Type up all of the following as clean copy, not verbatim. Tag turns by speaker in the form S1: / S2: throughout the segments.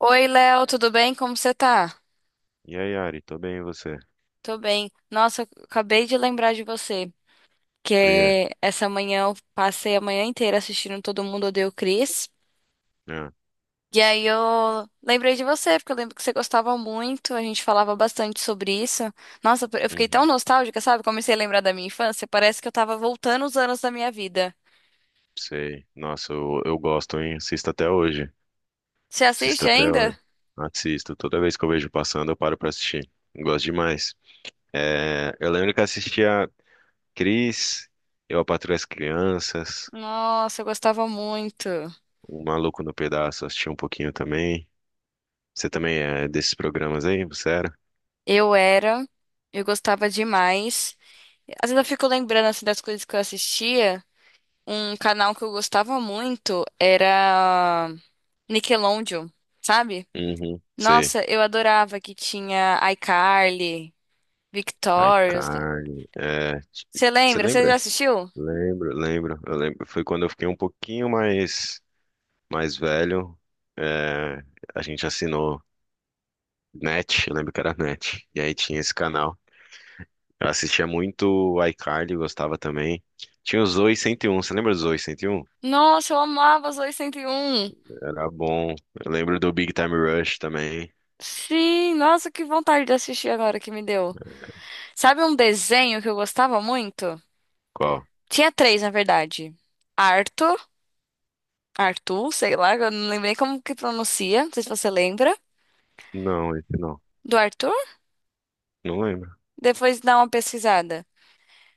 S1: Oi, Léo, tudo bem? Como você tá?
S2: E aí, Ari, tô bem, e você?
S1: Tô bem. Nossa, eu acabei de lembrar de você,
S2: Por quê?
S1: que essa manhã eu passei a manhã inteira assistindo Todo Mundo Odeia o Chris.
S2: Ah,
S1: E aí eu lembrei de você, porque eu lembro que você gostava muito, a gente falava bastante sobre isso. Nossa, eu fiquei tão
S2: uhum,
S1: nostálgica, sabe? Comecei a lembrar da minha infância, parece que eu tava voltando os anos da minha vida.
S2: sei. Nossa, eu gosto, hein? Assisto até hoje.
S1: Você
S2: Assisto
S1: assiste
S2: até
S1: ainda?
S2: hoje. Assisto. Toda vez que eu vejo passando, eu paro pra assistir. Gosto demais. É, eu lembro que assistia Cris, Eu, a Patroa e as Crianças,
S1: Nossa, eu gostava muito.
S2: O Maluco no Pedaço, assisti um pouquinho também. Você também é desses programas aí? Você era?
S1: Eu era, eu gostava demais. Às vezes eu fico lembrando assim das coisas que eu assistia. Um canal que eu gostava muito era Nickelodeon, sabe?
S2: Uhum, sei.
S1: Nossa, eu adorava que tinha iCarly, Victorious.
S2: iCarly. É,
S1: Você
S2: você
S1: lembra? Você já
S2: lembra?
S1: assistiu?
S2: Lembro, lembro. Eu lembro. Foi quando eu fiquei um pouquinho mais. Mais velho, é, a gente assinou Net, eu lembro que era Net, e aí tinha esse canal. Eu assistia muito iCarly, gostava também. Tinha o Zoey 101, você lembra do Zoey 101?
S1: Nossa, eu amava os 801.
S2: Era bom. Eu lembro do Big Time Rush também.
S1: Sim, nossa, que vontade de assistir agora que me deu. Sabe um desenho que eu gostava muito?
S2: Qual?
S1: Tinha três, na verdade. Arthur, Arthur, sei lá, eu não lembrei como que pronuncia, não sei se você lembra.
S2: Não, esse não.
S1: Do Arthur?
S2: Não lembro.
S1: Depois dá uma pesquisada.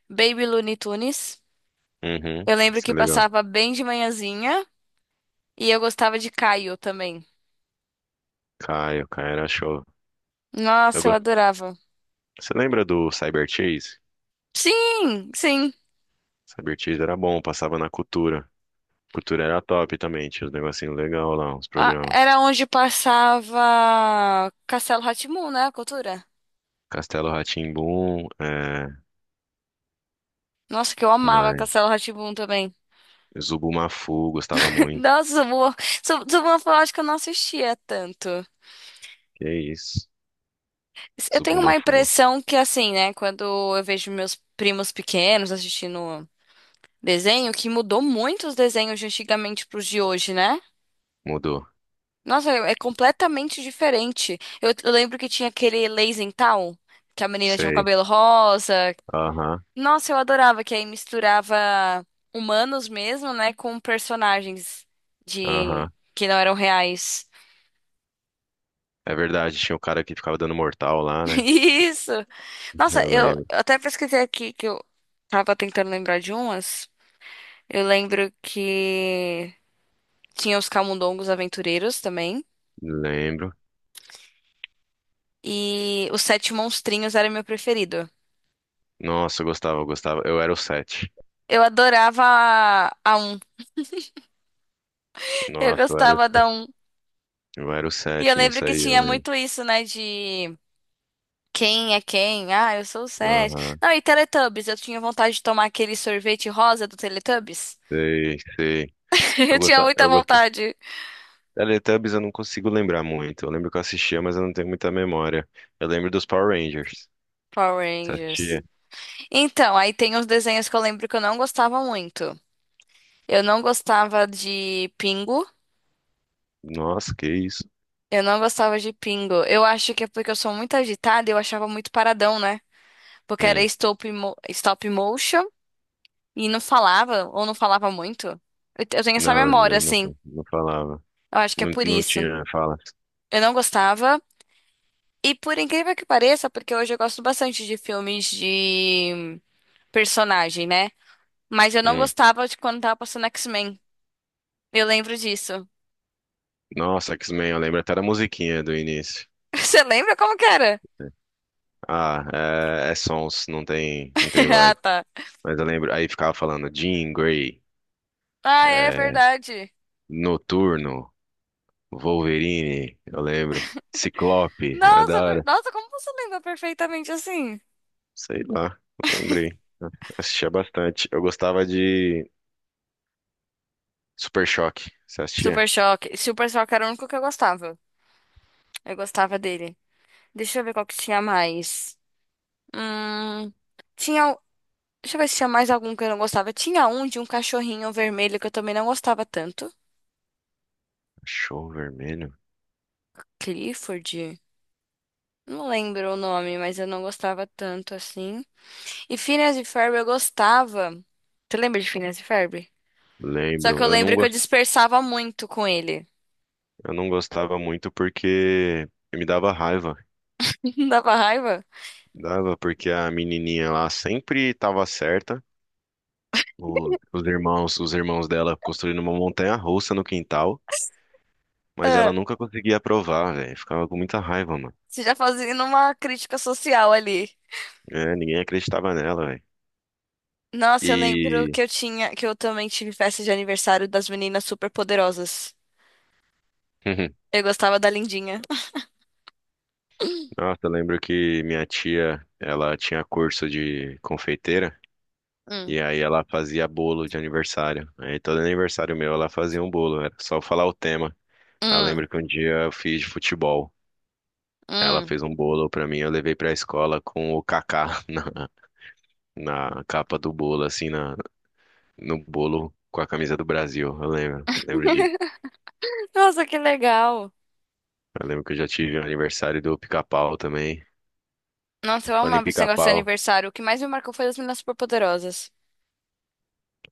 S1: Baby Looney Tunes.
S2: Uhum,
S1: Eu lembro
S2: isso
S1: que
S2: é legal.
S1: passava bem de manhãzinha e eu gostava de Caio também.
S2: Caio, Caio era show. Eu
S1: Nossa, eu
S2: gosto.
S1: adorava.
S2: Você lembra do Cyber Chase?
S1: Sim, sim.
S2: Cyber Chase era bom, passava na Cultura. Cultura era top também, tinha os negocinhos legal lá, uns
S1: Ah,
S2: programas.
S1: era onde passava Castelo rá, né? A cultura.
S2: Castelo rá tim, é,
S1: Nossa, que eu
S2: que
S1: amava
S2: mais?
S1: Castelo rá também.
S2: Zubumafu, gostava muito.
S1: Nossa, Suburbão, eu acho que eu não assistia tanto.
S2: Que isso?
S1: Eu tenho uma
S2: Zubumafu.
S1: impressão que, assim, né? Quando eu vejo meus primos pequenos assistindo desenho, que mudou muito os desenhos de antigamente pros de hoje, né?
S2: Mudou.
S1: Nossa, é é completamente diferente. Eu lembro que tinha aquele Lazy Town, que a menina tinha o
S2: Sei.
S1: cabelo rosa.
S2: Aham,
S1: Nossa, eu adorava, que aí misturava humanos mesmo, né, com personagens de
S2: aham.
S1: que não eram reais.
S2: É verdade, tinha o cara que ficava dando mortal lá, né?
S1: Isso! Nossa,
S2: Eu
S1: eu
S2: lembro.
S1: eu até pesquisei aqui que eu tava tentando lembrar de umas. Eu lembro que tinha os Camundongos Aventureiros também.
S2: Lembro.
S1: E os Sete Monstrinhos era meu preferido.
S2: Nossa, eu gostava. Eu era o sete.
S1: Eu adorava a 1. Eu
S2: Nossa, eu era o
S1: gostava da um.
S2: eu era o
S1: E eu
S2: 7
S1: lembro
S2: nisso
S1: que
S2: aí, eu
S1: tinha
S2: lembro.
S1: muito isso, né? De quem é quem? Ah, eu sou o Seth.
S2: Aham.
S1: Não, e Teletubbies. Eu tinha vontade de tomar aquele sorvete rosa do Teletubbies.
S2: Sei, sei.
S1: Eu
S2: Eu
S1: tinha
S2: gostava,
S1: muita
S2: eu gostava.
S1: vontade.
S2: Teletubbies eu não consigo lembrar muito. Eu lembro que eu assistia, mas eu não tenho muita memória. Eu lembro dos Power Rangers.
S1: Power
S2: Você
S1: Rangers.
S2: assistia?
S1: Então, aí tem uns desenhos que eu lembro que eu não gostava muito. Eu não gostava de Pingo.
S2: Nossa, que isso?
S1: Eu não gostava de Pingo. Eu acho que é porque eu sou muito agitada e eu achava muito paradão, né? Porque era
S2: Hum.
S1: stop motion. E não falava, ou não falava muito. Eu tenho essa
S2: Não,
S1: memória,
S2: ele não,
S1: assim.
S2: não falava.
S1: Eu acho que é
S2: Não,
S1: por
S2: não
S1: isso.
S2: tinha falas.
S1: Eu não gostava. E por incrível que pareça, porque hoje eu gosto bastante de filmes de personagem, né? Mas eu não
S2: Hum.
S1: gostava de quando tava passando X-Men. Eu lembro disso.
S2: Nossa, X-Men, eu lembro até da musiquinha do início.
S1: Você lembra como que era?
S2: Ah, é, é sons, não tem, não tem voz.
S1: Ah, tá.
S2: Mas eu lembro, aí ficava falando Jean Grey,
S1: Ah, é
S2: é,
S1: verdade.
S2: Noturno, Wolverine, eu lembro. Ciclope, era da
S1: Nossa,
S2: hora.
S1: nossa, como você lembra perfeitamente assim?
S2: Sei lá, lembrei. Assistia bastante. Eu gostava de Super Choque. Você assistia?
S1: Super Choque. Super Choque era o único que eu gostava. Eu gostava dele. Deixa eu ver qual que tinha mais. Hum, tinha. Deixa eu ver se tinha mais algum que eu não gostava. Tinha um de um cachorrinho vermelho que eu também não gostava tanto.
S2: Show Vermelho?
S1: Clifford. Não lembro o nome, mas eu não gostava tanto assim. E Phineas e Ferb eu gostava. Tu lembra de Phineas e Ferb? Só que
S2: Lembro.
S1: eu lembro que eu dispersava muito com ele.
S2: Eu não gostava muito porque me dava raiva.
S1: Dava raiva?
S2: Dava porque a menininha lá sempre estava certa. Os irmãos dela construindo uma montanha-russa no quintal, mas ela
S1: Ah,
S2: nunca conseguia aprovar, velho. Ficava com muita raiva, mano.
S1: você já fazia uma crítica social ali.
S2: É, ninguém acreditava nela, velho.
S1: Nossa, eu lembro
S2: E
S1: que eu tinha, que eu também tive festa de aniversário das meninas super poderosas. Eu gostava da Lindinha.
S2: nossa, eu lembro que minha tia, ela tinha curso de confeiteira
S1: Hum.
S2: e aí ela fazia bolo de aniversário. Aí todo aniversário meu ela fazia um bolo, era só falar o tema. Eu
S1: Hum.
S2: lembro que um dia eu fiz de futebol. Ela
S1: Hum.
S2: fez um bolo pra mim, eu levei pra escola com o Kaká na, na capa do bolo, assim, na, no bolo com a camisa do Brasil. Eu lembro de,
S1: Nossa, que legal.
S2: eu lembro que eu já tive um aniversário do Pica-Pau também.
S1: Nossa, eu
S2: Falando em
S1: amava esse negócio de
S2: Pica-Pau,
S1: aniversário. O que mais me marcou foi as meninas superpoderosas.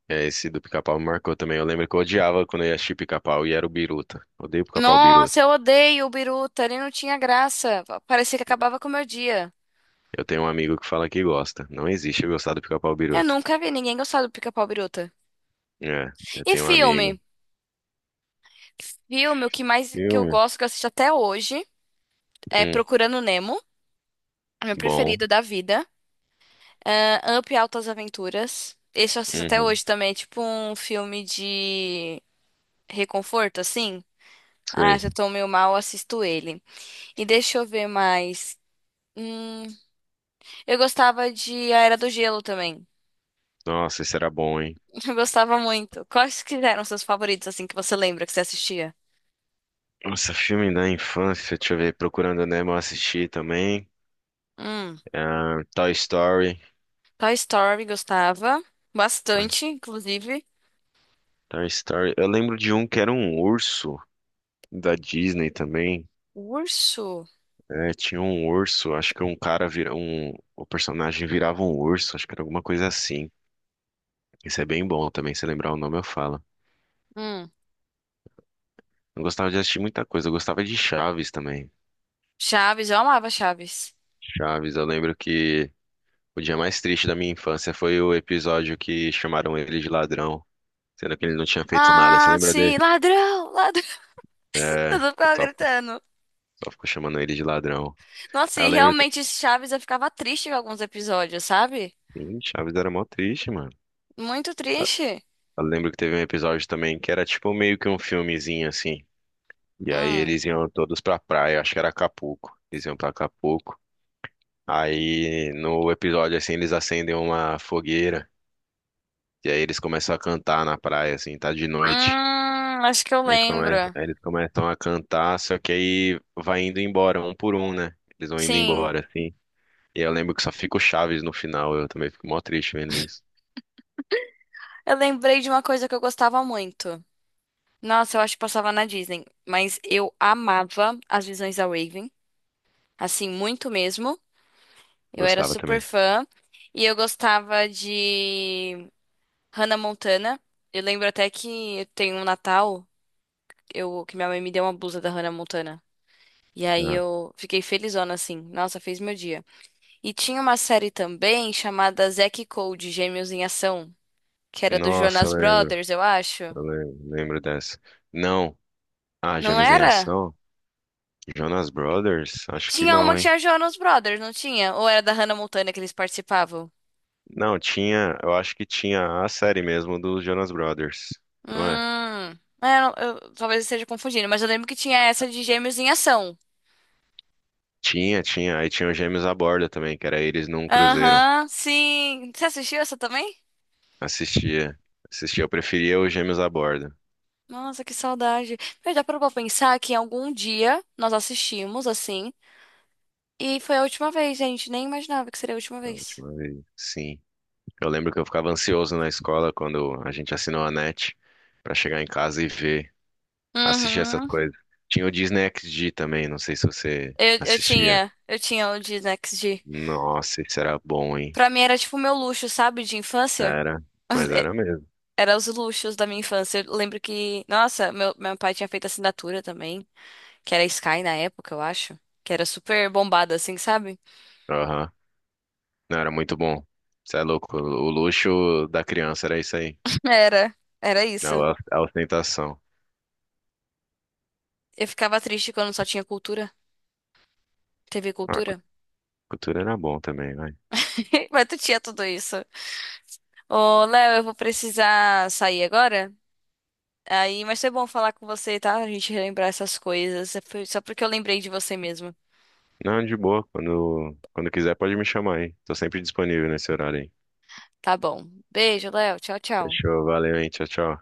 S2: é, esse do Pica-Pau me marcou também. Eu lembro que eu odiava quando eu ia assistir Pica-Pau e era o Biruta. Odeio Pica-Pau Biruta.
S1: Nossa, eu odeio o Biruta. Ele não tinha graça. Parecia que acabava com o meu dia.
S2: Eu tenho um amigo que fala que gosta. Não existe eu gostar do Pica-Pau
S1: Eu
S2: Biruta.
S1: nunca vi ninguém gostar do Pica-Pau Biruta.
S2: É, eu
S1: E
S2: tenho um amigo.
S1: filme? Filme, o que mais que eu
S2: Filme?
S1: gosto, que eu assisto até hoje, é
S2: Hum,
S1: Procurando Nemo, é meu
S2: bom.
S1: preferido da vida. Ah, Up e Altas Aventuras. Esse eu assisto até
S2: Uhum,
S1: hoje também. É tipo um filme de reconforto, assim. Ah,
S2: sei.
S1: se eu tô meio mal, assisto ele. E deixa eu ver mais. Hum, eu gostava de A Era do Gelo também.
S2: Nossa, isso era bom, hein?
S1: Eu gostava muito. Quais que eram seus favoritos, assim, que você lembra que você assistia?
S2: Nossa, filme da infância, deixa eu ver, Procurando Nemo eu assisti também.
S1: Hum,
S2: Ah, Toy Story.
S1: Toy Story gostava
S2: Toy
S1: bastante, inclusive.
S2: Toy Story. Eu lembro de um que era um urso da Disney também.
S1: Urso.
S2: É, tinha um urso, acho que um cara vira um, o personagem virava um urso, acho que era alguma coisa assim. Isso é bem bom também, se lembrar o nome eu falo.
S1: Hum,
S2: Eu gostava de assistir muita coisa, eu gostava de Chaves também.
S1: Chaves, eu amava Chaves.
S2: Chaves, eu lembro que o dia mais triste da minha infância foi o episódio que chamaram ele de ladrão. Sendo que ele não tinha feito nada, você
S1: Ah,
S2: lembra dele?
S1: sim, ladrão, ladrão.
S2: É,
S1: Eu
S2: eu
S1: ficava gritando.
S2: só ficou chamando ele de ladrão.
S1: Nossa,
S2: Aí
S1: e
S2: eu lembro.
S1: realmente Chaves eu ficava triste com alguns episódios, sabe?
S2: Sim, Chaves era mó triste, mano.
S1: Muito triste.
S2: Eu lembro que teve um episódio também que era tipo meio que um filmezinho assim. E aí
S1: Hum,
S2: eles iam todos pra praia, acho que era Acapulco. Eles iam pra Acapulco. Aí no episódio assim eles acendem uma fogueira. E aí eles começam a cantar na praia, assim, tá de noite.
S1: acho que eu lembro.
S2: Aí eles começam a cantar, só que aí vai indo embora, um por um, né? Eles vão indo
S1: Sim.
S2: embora, assim. E eu lembro que só fica o Chaves no final. Eu também fico mó triste vendo isso.
S1: Eu lembrei de uma coisa que eu gostava muito. Nossa, eu acho que passava na Disney, mas eu amava as visões da Raven, assim, muito mesmo. Eu era
S2: Gostava
S1: super
S2: também.
S1: fã e eu gostava de Hannah Montana. Eu lembro até que tem um Natal, eu que minha mãe me deu uma blusa da Hannah Montana. E aí
S2: Ah,
S1: eu fiquei felizona assim. Nossa, fez meu dia. E tinha uma série também chamada Zack e Cody, Gêmeos em Ação, que era do
S2: nossa, eu
S1: Jonas
S2: lembro.
S1: Brothers, eu acho.
S2: Eu lembro dessa. Não. Ah,
S1: Não
S2: Gêmeos em
S1: era?
S2: Ação? Jonas Brothers? Acho que
S1: Tinha uma
S2: não,
S1: que
S2: hein?
S1: tinha Jonas Brothers, não tinha? Ou era da Hannah Montana que eles participavam?
S2: Não, tinha. Eu acho que tinha a série mesmo dos Jonas Brothers. Não é?
S1: Hum. É, eu, talvez eu esteja confundindo, mas eu lembro que tinha essa de Gêmeos em Ação.
S2: Tinha, tinha. Aí tinha os Gêmeos à Borda também, que era eles num cruzeiro.
S1: Aham, sim. Você assistiu essa também?
S2: Assistia. Assistia. Eu preferia os Gêmeos à Borda.
S1: Nossa, que saudade. Mas dá pra pensar que em algum dia nós assistimos assim. E foi a última vez, gente. Nem imaginava que seria a última
S2: A
S1: vez.
S2: última vez. Sim. Eu lembro que eu ficava ansioso na escola quando a gente assinou a NET pra chegar em casa e ver, assistir essas
S1: Uhum.
S2: coisas. Tinha o Disney XD também, não sei se você
S1: Eu, eu
S2: assistia.
S1: tinha, eu tinha o de Next G.
S2: Nossa, isso era bom, hein?
S1: Pra mim era tipo o meu luxo, sabe, de infância.
S2: Era, mas era mesmo.
S1: Era os luxos da minha infância. Eu lembro que, nossa, meu pai tinha feito assinatura também, que era Sky na época, eu acho. Que era super bombada, assim, sabe?
S2: Aham. Não, era muito bom. Você é louco. O luxo da criança era isso aí.
S1: Era, era isso.
S2: A a ostentação.
S1: Eu ficava triste quando só tinha cultura, TV
S2: Ah,
S1: Cultura.
S2: cultura era bom também, vai.
S1: Mas tu tinha tudo isso. Ô, Léo, eu vou precisar sair agora. Aí, mas foi bom falar com você, tá? A gente relembrar essas coisas. Foi só porque eu lembrei de você mesmo.
S2: Não, de boa. Quando quiser, pode me chamar aí. Tô sempre disponível nesse horário aí.
S1: Tá bom. Beijo, Léo. Tchau, tchau.
S2: Fechou, valeu, hein? Tchau, tchau.